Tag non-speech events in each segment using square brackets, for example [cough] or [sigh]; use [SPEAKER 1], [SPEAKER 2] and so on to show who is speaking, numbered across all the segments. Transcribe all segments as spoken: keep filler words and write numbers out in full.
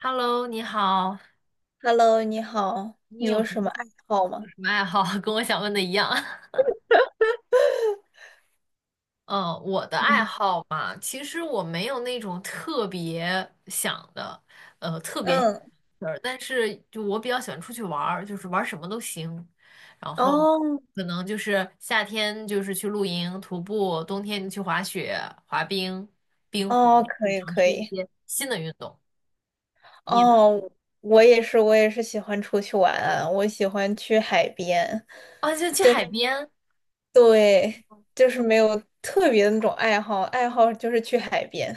[SPEAKER 1] Hello，你好，
[SPEAKER 2] Hello，你好，
[SPEAKER 1] 你
[SPEAKER 2] 你
[SPEAKER 1] 有
[SPEAKER 2] 有
[SPEAKER 1] 什么
[SPEAKER 2] 什么
[SPEAKER 1] 兴
[SPEAKER 2] 爱
[SPEAKER 1] 趣
[SPEAKER 2] 好
[SPEAKER 1] 有
[SPEAKER 2] 吗？
[SPEAKER 1] 什么爱好？[laughs] 跟我想问的一样。[laughs] 嗯，我的爱
[SPEAKER 2] 嗯
[SPEAKER 1] 好嘛，其实我没有那种特别想的
[SPEAKER 2] 嗯
[SPEAKER 1] 事儿，但是就我比较喜欢出去玩儿，就是玩儿什么都行。然后
[SPEAKER 2] 哦
[SPEAKER 1] 可能就是夏天就是去露营、徒步，冬天就去滑雪、滑冰、冰壶，
[SPEAKER 2] 哦，
[SPEAKER 1] 就
[SPEAKER 2] 可
[SPEAKER 1] 是
[SPEAKER 2] 以
[SPEAKER 1] 尝
[SPEAKER 2] 可
[SPEAKER 1] 试一
[SPEAKER 2] 以，
[SPEAKER 1] 些新的运动。你呢？
[SPEAKER 2] 哦，我也是，我也是喜欢出去玩啊我喜欢去海边，
[SPEAKER 1] 啊，就去海边。
[SPEAKER 2] 对，就是没有特别的那种爱好，爱好就是去海边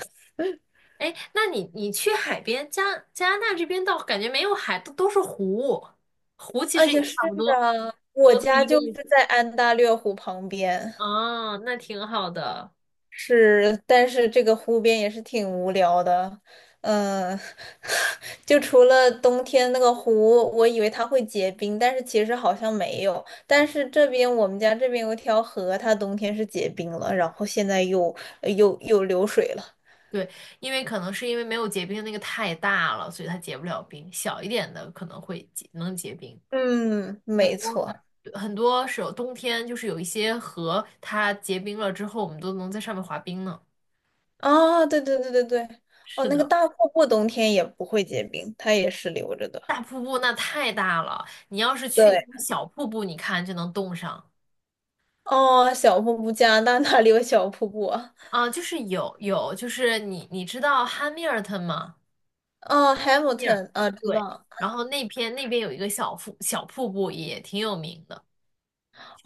[SPEAKER 1] 哎，那你你去海边，加加拿大这边倒感觉没有海，都都是湖，湖其
[SPEAKER 2] 啊，
[SPEAKER 1] 实也
[SPEAKER 2] 也是
[SPEAKER 1] 差不多，
[SPEAKER 2] 啊，我
[SPEAKER 1] 都都
[SPEAKER 2] 家
[SPEAKER 1] 一个
[SPEAKER 2] 就是
[SPEAKER 1] 意思。
[SPEAKER 2] 在安大略湖旁边，
[SPEAKER 1] 啊，那挺好的。
[SPEAKER 2] 是，但是这个湖边也是挺无聊的，嗯，[laughs] 就除了冬天那个湖，我以为它会结冰，但是其实好像没有。但是这边我们家这边有一条河，它冬天是结冰了，然后现在又呃又又流水了。
[SPEAKER 1] 对，因为可能是因为没有结冰的那个太大了，所以它结不了冰。小一点的可能会结，能结冰。
[SPEAKER 2] 嗯，
[SPEAKER 1] 很
[SPEAKER 2] 没
[SPEAKER 1] 多
[SPEAKER 2] 错。
[SPEAKER 1] 很多时候冬天就是有一些河，它结冰了之后，我们都能在上面滑冰呢。
[SPEAKER 2] 啊，对对对对对，哦，
[SPEAKER 1] 是
[SPEAKER 2] 那个
[SPEAKER 1] 的，
[SPEAKER 2] 大瀑布冬天也不会结冰，它也是流着的。
[SPEAKER 1] 大瀑布那太大了，你要是去那
[SPEAKER 2] 对，
[SPEAKER 1] 种小瀑布，你看就能冻上。
[SPEAKER 2] 哦，小瀑布，加拿大哪里有小瀑布啊？
[SPEAKER 1] 啊，就是有有，就是你你知道汉密尔顿吗？
[SPEAKER 2] 哦
[SPEAKER 1] 密尔，
[SPEAKER 2] ，Hamilton 啊，知
[SPEAKER 1] 对，
[SPEAKER 2] 道。
[SPEAKER 1] 然后那边那边有一个小瀑小瀑布也挺有名的，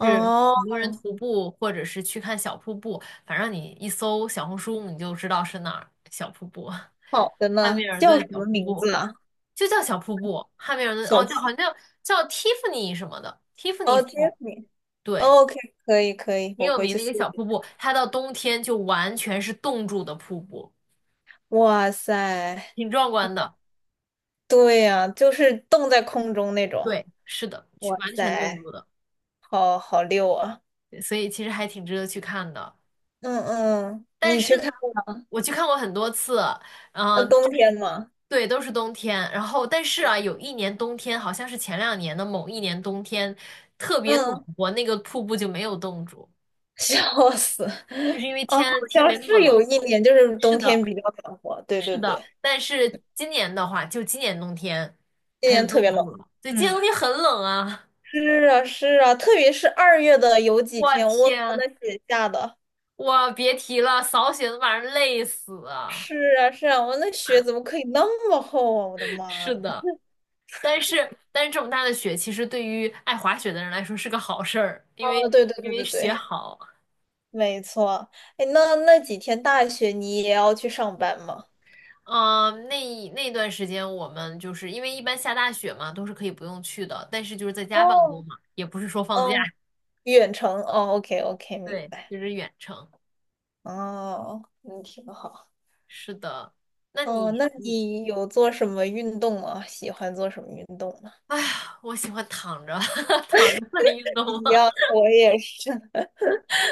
[SPEAKER 1] 是很多人徒步或者是去看小瀑布，反正你一搜小红书你就知道是哪儿小瀑布，
[SPEAKER 2] 好的
[SPEAKER 1] [laughs] 汉
[SPEAKER 2] 呢，
[SPEAKER 1] 密尔
[SPEAKER 2] 叫
[SPEAKER 1] 顿
[SPEAKER 2] 什
[SPEAKER 1] 小
[SPEAKER 2] 么
[SPEAKER 1] 瀑
[SPEAKER 2] 名
[SPEAKER 1] 布
[SPEAKER 2] 字啊？
[SPEAKER 1] 就叫小瀑布，汉密尔顿
[SPEAKER 2] 小
[SPEAKER 1] 哦，叫好
[SPEAKER 2] 七。
[SPEAKER 1] 像叫叫蒂芙尼什么的，蒂芙尼
[SPEAKER 2] 哦杰 e f
[SPEAKER 1] 瀑，
[SPEAKER 2] f r
[SPEAKER 1] 对，
[SPEAKER 2] o k 可以可以，
[SPEAKER 1] 挺
[SPEAKER 2] 我
[SPEAKER 1] 有
[SPEAKER 2] 回
[SPEAKER 1] 名
[SPEAKER 2] 去
[SPEAKER 1] 的一个
[SPEAKER 2] 搜一
[SPEAKER 1] 小瀑
[SPEAKER 2] 下。
[SPEAKER 1] 布，它到冬天就完全是冻住的瀑布，
[SPEAKER 2] 哇塞，
[SPEAKER 1] 挺壮观的。
[SPEAKER 2] 对呀、就是冻在空中那种。
[SPEAKER 1] 对，是的，去
[SPEAKER 2] 哇
[SPEAKER 1] 完全冻
[SPEAKER 2] 塞，
[SPEAKER 1] 住的，
[SPEAKER 2] 好好溜啊！
[SPEAKER 1] 对所以其实还挺值得去看的。
[SPEAKER 2] 嗯嗯，
[SPEAKER 1] 但
[SPEAKER 2] 你
[SPEAKER 1] 是
[SPEAKER 2] 去
[SPEAKER 1] 呢，
[SPEAKER 2] 看过吗？
[SPEAKER 1] 我去看过很多次，
[SPEAKER 2] 那
[SPEAKER 1] 嗯、就
[SPEAKER 2] 冬
[SPEAKER 1] 是
[SPEAKER 2] 天吗？
[SPEAKER 1] 对，都是冬天。然后，但是啊，有一年冬天，好像是前两年的某一年冬天，特别暖
[SPEAKER 2] 嗯，
[SPEAKER 1] 和，那个瀑布就没有冻住，
[SPEAKER 2] 笑死。
[SPEAKER 1] 就是因为
[SPEAKER 2] 啊，好
[SPEAKER 1] 天天
[SPEAKER 2] 像
[SPEAKER 1] 没那么
[SPEAKER 2] 是有
[SPEAKER 1] 冷。
[SPEAKER 2] 一年，就是
[SPEAKER 1] 是
[SPEAKER 2] 冬
[SPEAKER 1] 的，
[SPEAKER 2] 天比较暖和。对
[SPEAKER 1] 是
[SPEAKER 2] 对
[SPEAKER 1] 的。
[SPEAKER 2] 对，
[SPEAKER 1] 但是今年的话，就今年冬天，
[SPEAKER 2] 今
[SPEAKER 1] 它
[SPEAKER 2] 年
[SPEAKER 1] 就
[SPEAKER 2] 特别
[SPEAKER 1] 冻
[SPEAKER 2] 冷。
[SPEAKER 1] 住了。对，今年
[SPEAKER 2] 嗯，
[SPEAKER 1] 冬天很冷啊，
[SPEAKER 2] 是啊是啊，特别是二月的有
[SPEAKER 1] [laughs]
[SPEAKER 2] 几
[SPEAKER 1] 我
[SPEAKER 2] 天，我靠，
[SPEAKER 1] 天，
[SPEAKER 2] 那雪下的。
[SPEAKER 1] 我别提了，扫雪都把人累死啊。
[SPEAKER 2] 是啊，是啊，我那雪怎么可以那么厚啊！我的妈
[SPEAKER 1] 是
[SPEAKER 2] 啊！
[SPEAKER 1] 的，但是但是这么大的雪，其实对于爱滑雪的人来说是个好事儿，因为
[SPEAKER 2] 哦，对对
[SPEAKER 1] 因
[SPEAKER 2] 对
[SPEAKER 1] 为
[SPEAKER 2] 对
[SPEAKER 1] 雪
[SPEAKER 2] 对，
[SPEAKER 1] 好。
[SPEAKER 2] 没错。哎，那那几天大雪你也要去上班吗？
[SPEAKER 1] 嗯、那一那段时间我们就是因为一般下大雪嘛，都是可以不用去的，但是就是在家办公
[SPEAKER 2] 哦，
[SPEAKER 1] 嘛，也不是说放假，
[SPEAKER 2] 哦，远程哦，OK OK，明
[SPEAKER 1] 对，
[SPEAKER 2] 白。
[SPEAKER 1] 就是远程。
[SPEAKER 2] 哦，那挺好。
[SPEAKER 1] 是的，那
[SPEAKER 2] 哦，
[SPEAKER 1] 你
[SPEAKER 2] 那
[SPEAKER 1] 你，
[SPEAKER 2] 你有做什么运动吗？喜欢做什么运动吗？
[SPEAKER 1] 哎呀，我喜欢躺着 [laughs] 躺着算运动
[SPEAKER 2] 一
[SPEAKER 1] 吗？
[SPEAKER 2] 样，我也是。[laughs]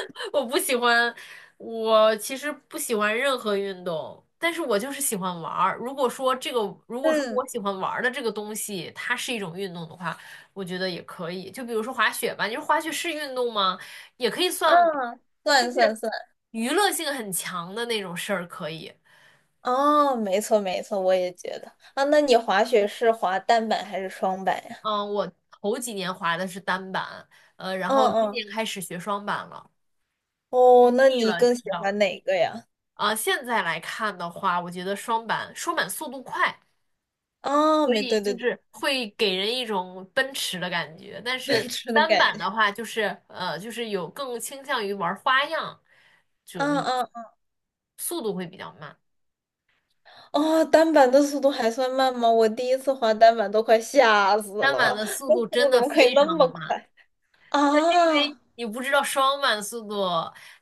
[SPEAKER 1] [laughs] 我不喜欢，我其实不喜欢任何运动，但是我就是喜欢玩儿。如果说这个，如果说
[SPEAKER 2] 嗯
[SPEAKER 1] 我喜欢玩儿的这个东西，它是一种运动的话，我觉得也可以。就比如说滑雪吧，你说滑雪是运动吗？也可以算
[SPEAKER 2] 嗯，算算算。
[SPEAKER 1] 娱乐性很强的那种事儿，可以。
[SPEAKER 2] 哦，没错没错，我也觉得。啊，那你滑雪是滑单板还是双板呀？
[SPEAKER 1] 嗯，我头几年滑的是单板，呃，然
[SPEAKER 2] 嗯
[SPEAKER 1] 后今
[SPEAKER 2] 嗯。
[SPEAKER 1] 年开始学双板了，
[SPEAKER 2] 哦，那
[SPEAKER 1] 腻
[SPEAKER 2] 你
[SPEAKER 1] 了，你
[SPEAKER 2] 更喜
[SPEAKER 1] 知道吧？
[SPEAKER 2] 欢哪个呀？
[SPEAKER 1] 啊，现在来看的话，我觉得双板双板速度快。
[SPEAKER 2] 啊，
[SPEAKER 1] 所
[SPEAKER 2] 没，
[SPEAKER 1] 以
[SPEAKER 2] 对对
[SPEAKER 1] 就
[SPEAKER 2] 对，
[SPEAKER 1] 是会给人一种奔驰的感觉。但
[SPEAKER 2] 奔
[SPEAKER 1] 是
[SPEAKER 2] 驰的
[SPEAKER 1] 单
[SPEAKER 2] 感
[SPEAKER 1] 板
[SPEAKER 2] 觉。
[SPEAKER 1] 的话，就是呃，就是有更倾向于玩花样，就那
[SPEAKER 2] 嗯
[SPEAKER 1] 个
[SPEAKER 2] 嗯，
[SPEAKER 1] 速度会比较慢。
[SPEAKER 2] 哦，单板的速度还算慢吗？我第一次滑单板都快吓死
[SPEAKER 1] 单板
[SPEAKER 2] 了，
[SPEAKER 1] 的速
[SPEAKER 2] 那
[SPEAKER 1] 度
[SPEAKER 2] 速
[SPEAKER 1] 真
[SPEAKER 2] 度怎
[SPEAKER 1] 的
[SPEAKER 2] 么可以
[SPEAKER 1] 非
[SPEAKER 2] 那
[SPEAKER 1] 常的
[SPEAKER 2] 么
[SPEAKER 1] 慢，
[SPEAKER 2] 快
[SPEAKER 1] 因为
[SPEAKER 2] 啊？[laughs]
[SPEAKER 1] 你不知道双板速度，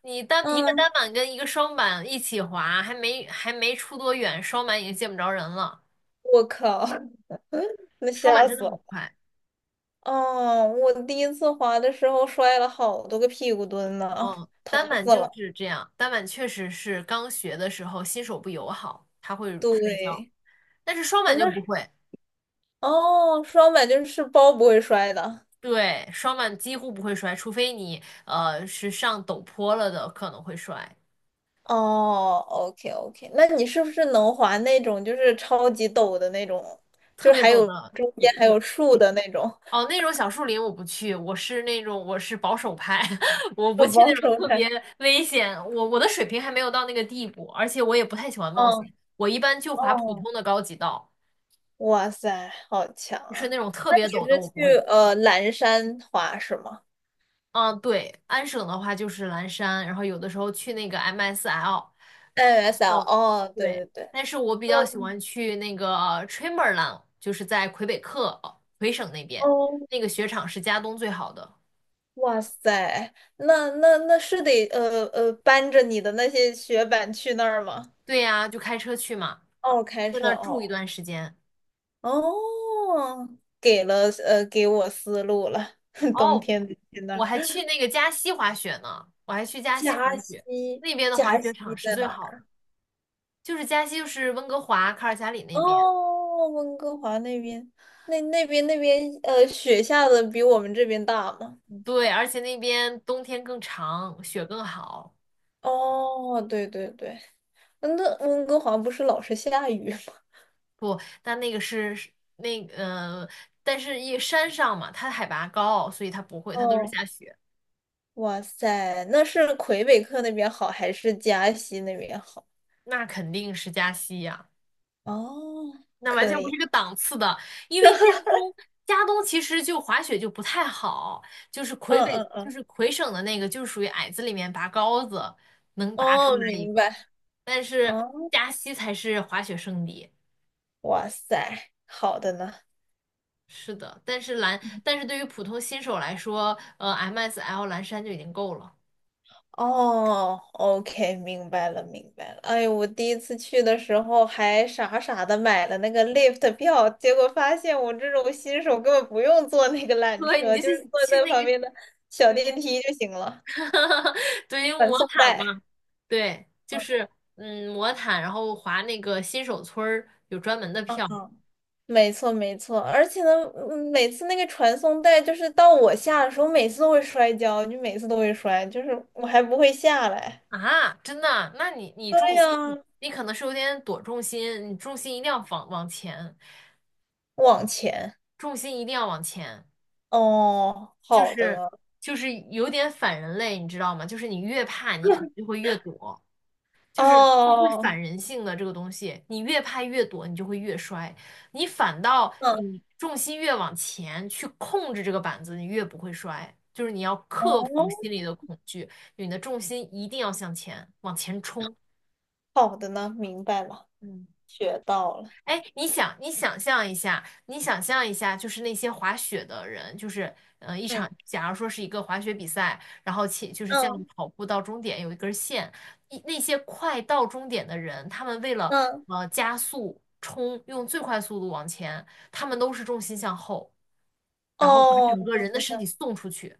[SPEAKER 1] 你单一个
[SPEAKER 2] 嗯，
[SPEAKER 1] 单板跟一个双板一起滑，还没还没出多远，双板已经见不着人了。
[SPEAKER 2] 我靠，那
[SPEAKER 1] 双板
[SPEAKER 2] 吓
[SPEAKER 1] 真的
[SPEAKER 2] 死
[SPEAKER 1] 很
[SPEAKER 2] 了。
[SPEAKER 1] 快，
[SPEAKER 2] 哦，我第一次滑的时候摔了好多个屁股墩呢，
[SPEAKER 1] 嗯，
[SPEAKER 2] 疼
[SPEAKER 1] 单板
[SPEAKER 2] 死
[SPEAKER 1] 就
[SPEAKER 2] 了。
[SPEAKER 1] 是这样，单板确实是刚学的时候新手不友好，他会摔跤。
[SPEAKER 2] 对，
[SPEAKER 1] 但是双
[SPEAKER 2] 啊，
[SPEAKER 1] 板就
[SPEAKER 2] 那
[SPEAKER 1] 不
[SPEAKER 2] 是
[SPEAKER 1] 会，
[SPEAKER 2] 哦，双板就是包不会摔的。
[SPEAKER 1] 对，双板几乎不会摔，除非你呃是上陡坡了的，可能会摔。
[SPEAKER 2] 哦，OK OK，那你是不是能滑那种就是超级陡的那种，
[SPEAKER 1] 特
[SPEAKER 2] 就是
[SPEAKER 1] 别
[SPEAKER 2] 还
[SPEAKER 1] 陡
[SPEAKER 2] 有
[SPEAKER 1] 的
[SPEAKER 2] 中间
[SPEAKER 1] 也
[SPEAKER 2] 还
[SPEAKER 1] 也
[SPEAKER 2] 有树的那种？
[SPEAKER 1] 哦，
[SPEAKER 2] [laughs]
[SPEAKER 1] 那种小树林我不去，我是那种我是保守派，[laughs] 我不
[SPEAKER 2] 要
[SPEAKER 1] 去那
[SPEAKER 2] 保
[SPEAKER 1] 种
[SPEAKER 2] 守
[SPEAKER 1] 特别
[SPEAKER 2] 派。
[SPEAKER 1] 危险。我我的水平还没有到那个地步，而且我也不太喜欢冒
[SPEAKER 2] 嗯，
[SPEAKER 1] 险。我一般就滑普
[SPEAKER 2] 哦，
[SPEAKER 1] 通的高级道，
[SPEAKER 2] 哇塞，好强
[SPEAKER 1] 就是
[SPEAKER 2] 啊！
[SPEAKER 1] 那种特
[SPEAKER 2] 那
[SPEAKER 1] 别
[SPEAKER 2] 你
[SPEAKER 1] 陡的我
[SPEAKER 2] 是
[SPEAKER 1] 不
[SPEAKER 2] 去
[SPEAKER 1] 会去。
[SPEAKER 2] 呃蓝山滑是吗
[SPEAKER 1] 嗯，对，安省的话就是蓝山，然后有的时候去那个 M S L。
[SPEAKER 2] ？N S L，
[SPEAKER 1] 哦，
[SPEAKER 2] 哦，对
[SPEAKER 1] 对，
[SPEAKER 2] 对对，
[SPEAKER 1] 但是我比较
[SPEAKER 2] 哦
[SPEAKER 1] 喜欢去那个 t r a m b e r l a i n 就是在魁北克哦魁省那边，
[SPEAKER 2] 哦，
[SPEAKER 1] 那个雪场是加东最好的。
[SPEAKER 2] 哇塞，那那那是得呃呃搬着你的那些雪板去那儿吗？
[SPEAKER 1] 对呀，就开车去嘛，
[SPEAKER 2] 哦，开
[SPEAKER 1] 在那
[SPEAKER 2] 车，
[SPEAKER 1] 儿住一
[SPEAKER 2] 哦
[SPEAKER 1] 段时间。
[SPEAKER 2] 哦，给了呃，给我思路了。[laughs] 冬
[SPEAKER 1] 哦，
[SPEAKER 2] 天得去那
[SPEAKER 1] 我
[SPEAKER 2] 儿，
[SPEAKER 1] 还去那个加西滑雪呢，我还去加西滑
[SPEAKER 2] 加
[SPEAKER 1] 雪，
[SPEAKER 2] 西，
[SPEAKER 1] 那边的滑
[SPEAKER 2] 加
[SPEAKER 1] 雪
[SPEAKER 2] 西
[SPEAKER 1] 场是
[SPEAKER 2] 在
[SPEAKER 1] 最
[SPEAKER 2] 哪
[SPEAKER 1] 好的，
[SPEAKER 2] 儿？
[SPEAKER 1] 就是加西就是温哥华、卡尔加里那边，
[SPEAKER 2] 哦，温哥华那边，那那边那边呃，雪下的比我们这边大吗？
[SPEAKER 1] 对，而且那边冬天更长，雪更好。
[SPEAKER 2] 哦，对对对，那温哥华不是老是下雨吗？
[SPEAKER 1] 不，但那个是是那呃，但是一山上嘛，它海拔高，所以它不会，它都是
[SPEAKER 2] 哦，
[SPEAKER 1] 下雪。
[SPEAKER 2] 哇塞，那是魁北克那边好还是加西那边好？
[SPEAKER 1] 那肯定是加西呀、
[SPEAKER 2] 哦，
[SPEAKER 1] 那完全
[SPEAKER 2] 可
[SPEAKER 1] 不是
[SPEAKER 2] 以，
[SPEAKER 1] 一个档次的。因为加东，加东其实就滑雪就不太好，就是魁
[SPEAKER 2] 嗯
[SPEAKER 1] 北，
[SPEAKER 2] 嗯
[SPEAKER 1] 就
[SPEAKER 2] 嗯，
[SPEAKER 1] 是魁省的那个，就是属于矮子里面拔高子，能拔出
[SPEAKER 2] 哦，
[SPEAKER 1] 来一
[SPEAKER 2] 明
[SPEAKER 1] 个。
[SPEAKER 2] 白。
[SPEAKER 1] 但是
[SPEAKER 2] 哦，
[SPEAKER 1] 加西才是滑雪圣地。
[SPEAKER 2] 哇塞，好的呢。
[SPEAKER 1] 是的，但是蓝，但是对于普通新手来说，呃，M S L 蓝山就已经够了。
[SPEAKER 2] 哦，OK，明白了，明白了。哎，我第一次去的时候还傻傻的买了那个 lift 票，结果发现我这种新手根本不用坐那个
[SPEAKER 1] [laughs]
[SPEAKER 2] 缆
[SPEAKER 1] 对，你
[SPEAKER 2] 车，
[SPEAKER 1] 就
[SPEAKER 2] 就是
[SPEAKER 1] 去
[SPEAKER 2] 坐
[SPEAKER 1] 去
[SPEAKER 2] 在
[SPEAKER 1] 那
[SPEAKER 2] 旁
[SPEAKER 1] 个
[SPEAKER 2] 边的小
[SPEAKER 1] 对，
[SPEAKER 2] 电梯就行了，
[SPEAKER 1] [laughs] 对，因为
[SPEAKER 2] 传
[SPEAKER 1] 魔
[SPEAKER 2] 送
[SPEAKER 1] 毯
[SPEAKER 2] 带。
[SPEAKER 1] 嘛，对，就
[SPEAKER 2] 嗯
[SPEAKER 1] 是嗯，魔毯，然后划那个新手村儿有专门的
[SPEAKER 2] 嗯，
[SPEAKER 1] 票
[SPEAKER 2] 嗯，没错没错，而且呢，嗯每次那个传送带就是到我下的时候，每次都会摔跤，就每次都会摔，就是我还不会下来。
[SPEAKER 1] 啊，真的啊？那你你重
[SPEAKER 2] 对
[SPEAKER 1] 心，
[SPEAKER 2] 呀，
[SPEAKER 1] 你可能是有点躲重心，你重心一定要往往前，
[SPEAKER 2] 往前。
[SPEAKER 1] 重心一定要往前，
[SPEAKER 2] 哦，
[SPEAKER 1] 就
[SPEAKER 2] 好的
[SPEAKER 1] 是
[SPEAKER 2] 呢。
[SPEAKER 1] 就是有点反人类，你知道吗？就是你越怕，你可能就会越躲。就是会
[SPEAKER 2] 哦，
[SPEAKER 1] 反人性的这个东西，你越拍越躲，你就会越摔。你反倒
[SPEAKER 2] 嗯，
[SPEAKER 1] 你重心越往前去控制这个板子，你越不会摔。就是你要克服
[SPEAKER 2] 哦，
[SPEAKER 1] 心里的恐惧，你的重心一定要向前，往前冲。
[SPEAKER 2] 好的呢，明白了，
[SPEAKER 1] 嗯
[SPEAKER 2] 学到了。
[SPEAKER 1] 哎，你想，你想象一下，你想象一下，就是那些滑雪的人，就是，呃，一场，
[SPEAKER 2] 嗯
[SPEAKER 1] 假如说是一个滑雪比赛，然后且就是像
[SPEAKER 2] 嗯
[SPEAKER 1] 跑步到终点有一根线，一那些快到终点的人，他们为了
[SPEAKER 2] 嗯，
[SPEAKER 1] 呃加速冲，用最快速度往前，他们都是重心向后，然后把
[SPEAKER 2] 哦，
[SPEAKER 1] 整个
[SPEAKER 2] 重
[SPEAKER 1] 人的
[SPEAKER 2] 心
[SPEAKER 1] 身
[SPEAKER 2] 向
[SPEAKER 1] 体送出去。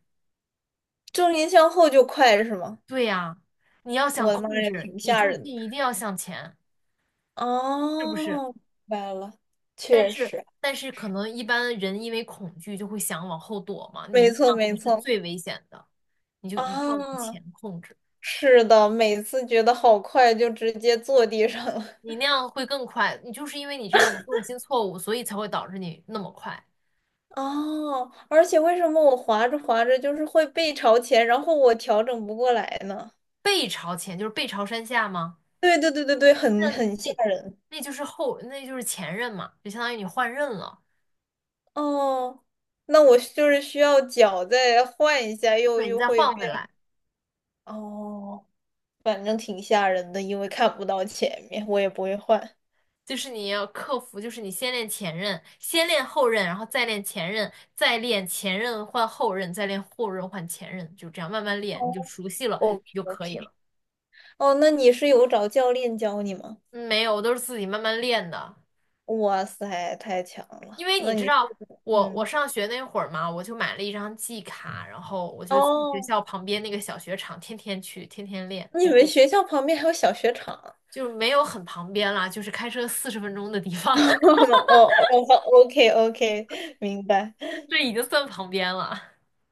[SPEAKER 2] 重心向后就快是吗？
[SPEAKER 1] 对呀，你要想
[SPEAKER 2] 我的妈
[SPEAKER 1] 控
[SPEAKER 2] 呀，
[SPEAKER 1] 制，
[SPEAKER 2] 挺
[SPEAKER 1] 你
[SPEAKER 2] 吓
[SPEAKER 1] 重
[SPEAKER 2] 人的。
[SPEAKER 1] 心一定要向前，是不是？
[SPEAKER 2] 哦，明白了，
[SPEAKER 1] 但
[SPEAKER 2] 确
[SPEAKER 1] 是
[SPEAKER 2] 实，
[SPEAKER 1] 但是可能一般人因为恐惧就会想往后躲嘛，你
[SPEAKER 2] 没
[SPEAKER 1] 那
[SPEAKER 2] 错
[SPEAKER 1] 样才
[SPEAKER 2] 没
[SPEAKER 1] 是
[SPEAKER 2] 错。
[SPEAKER 1] 最危险的，你就
[SPEAKER 2] 啊，
[SPEAKER 1] 一定要往前控制，
[SPEAKER 2] 是的，每次觉得好快，就直接坐地上了。
[SPEAKER 1] 你那样会更快。你就是因为你这种重心错误，所以才会导致你那么快。
[SPEAKER 2] 哦，而且为什么我滑着滑着就是会背朝前，然后我调整不过来呢？
[SPEAKER 1] 背朝前就是背朝山下吗？
[SPEAKER 2] 对对对对对，很
[SPEAKER 1] 那
[SPEAKER 2] 很吓
[SPEAKER 1] 那
[SPEAKER 2] 人
[SPEAKER 1] 那就是后，那就是前任嘛，就相当于你换刃了，
[SPEAKER 2] 哦。那我就是需要脚再换一下，又
[SPEAKER 1] 对，你
[SPEAKER 2] 又
[SPEAKER 1] 再
[SPEAKER 2] 会
[SPEAKER 1] 换回
[SPEAKER 2] 变
[SPEAKER 1] 来。
[SPEAKER 2] 哦，反正挺吓人的，因为看不到前面，我也不会换。
[SPEAKER 1] 就是你要克服，就是你先练前任，先练后任，然后再练前任，再练前任换后任，再练后任换前任，就这样慢慢练，你就
[SPEAKER 2] 哦
[SPEAKER 1] 熟悉了
[SPEAKER 2] ，OK
[SPEAKER 1] 你就可以
[SPEAKER 2] OK，
[SPEAKER 1] 了。
[SPEAKER 2] 哦，那你是有找教练教你吗？
[SPEAKER 1] 嗯没有，我都是自己慢慢练的，
[SPEAKER 2] 哇塞，太强
[SPEAKER 1] 因
[SPEAKER 2] 了！
[SPEAKER 1] 为你
[SPEAKER 2] 那
[SPEAKER 1] 知
[SPEAKER 2] 你是
[SPEAKER 1] 道我我
[SPEAKER 2] 嗯，
[SPEAKER 1] 上学那会儿嘛，我就买了一张季卡，然后我就去学
[SPEAKER 2] 哦，
[SPEAKER 1] 校旁边那个小学场，天天去，天天练，
[SPEAKER 2] 你们学校旁边还有小雪场啊
[SPEAKER 1] 就是没有很旁边啦，就是开车四十分钟的地
[SPEAKER 2] [laughs]
[SPEAKER 1] 方，
[SPEAKER 2] 哦哦哦，OK OK，明白。
[SPEAKER 1] [laughs] 这已经算旁边了，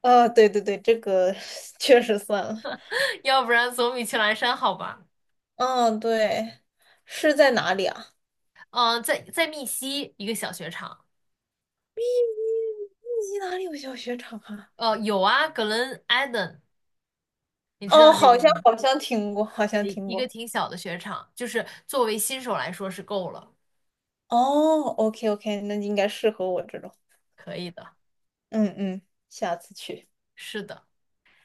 [SPEAKER 2] 啊，对对对，这个 [laughs] 确实算了。
[SPEAKER 1] [laughs] 要不然总比去蓝山好吧。
[SPEAKER 2] 嗯，对，是在哪里啊？
[SPEAKER 1] 嗯，呃在在密西一个小雪场，
[SPEAKER 2] 密密集哪里有小雪场啊？
[SPEAKER 1] 呃，有啊，Glen Eden，你知道
[SPEAKER 2] 哦，
[SPEAKER 1] 这
[SPEAKER 2] 好
[SPEAKER 1] 个
[SPEAKER 2] 像
[SPEAKER 1] 吗？
[SPEAKER 2] 好像听过，好像
[SPEAKER 1] 对，
[SPEAKER 2] 听
[SPEAKER 1] 一个
[SPEAKER 2] 过。
[SPEAKER 1] 挺小的雪场，就是作为新手来说是够了，
[SPEAKER 2] 哦，OK OK，那应该适合我这种。
[SPEAKER 1] 可以的，
[SPEAKER 2] 嗯嗯，下次去。
[SPEAKER 1] 是的。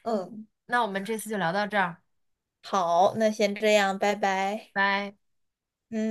[SPEAKER 2] 嗯，
[SPEAKER 1] 那我们这次就聊到这儿，
[SPEAKER 2] 好，那先这样，拜拜。
[SPEAKER 1] 拜。
[SPEAKER 2] 嗯。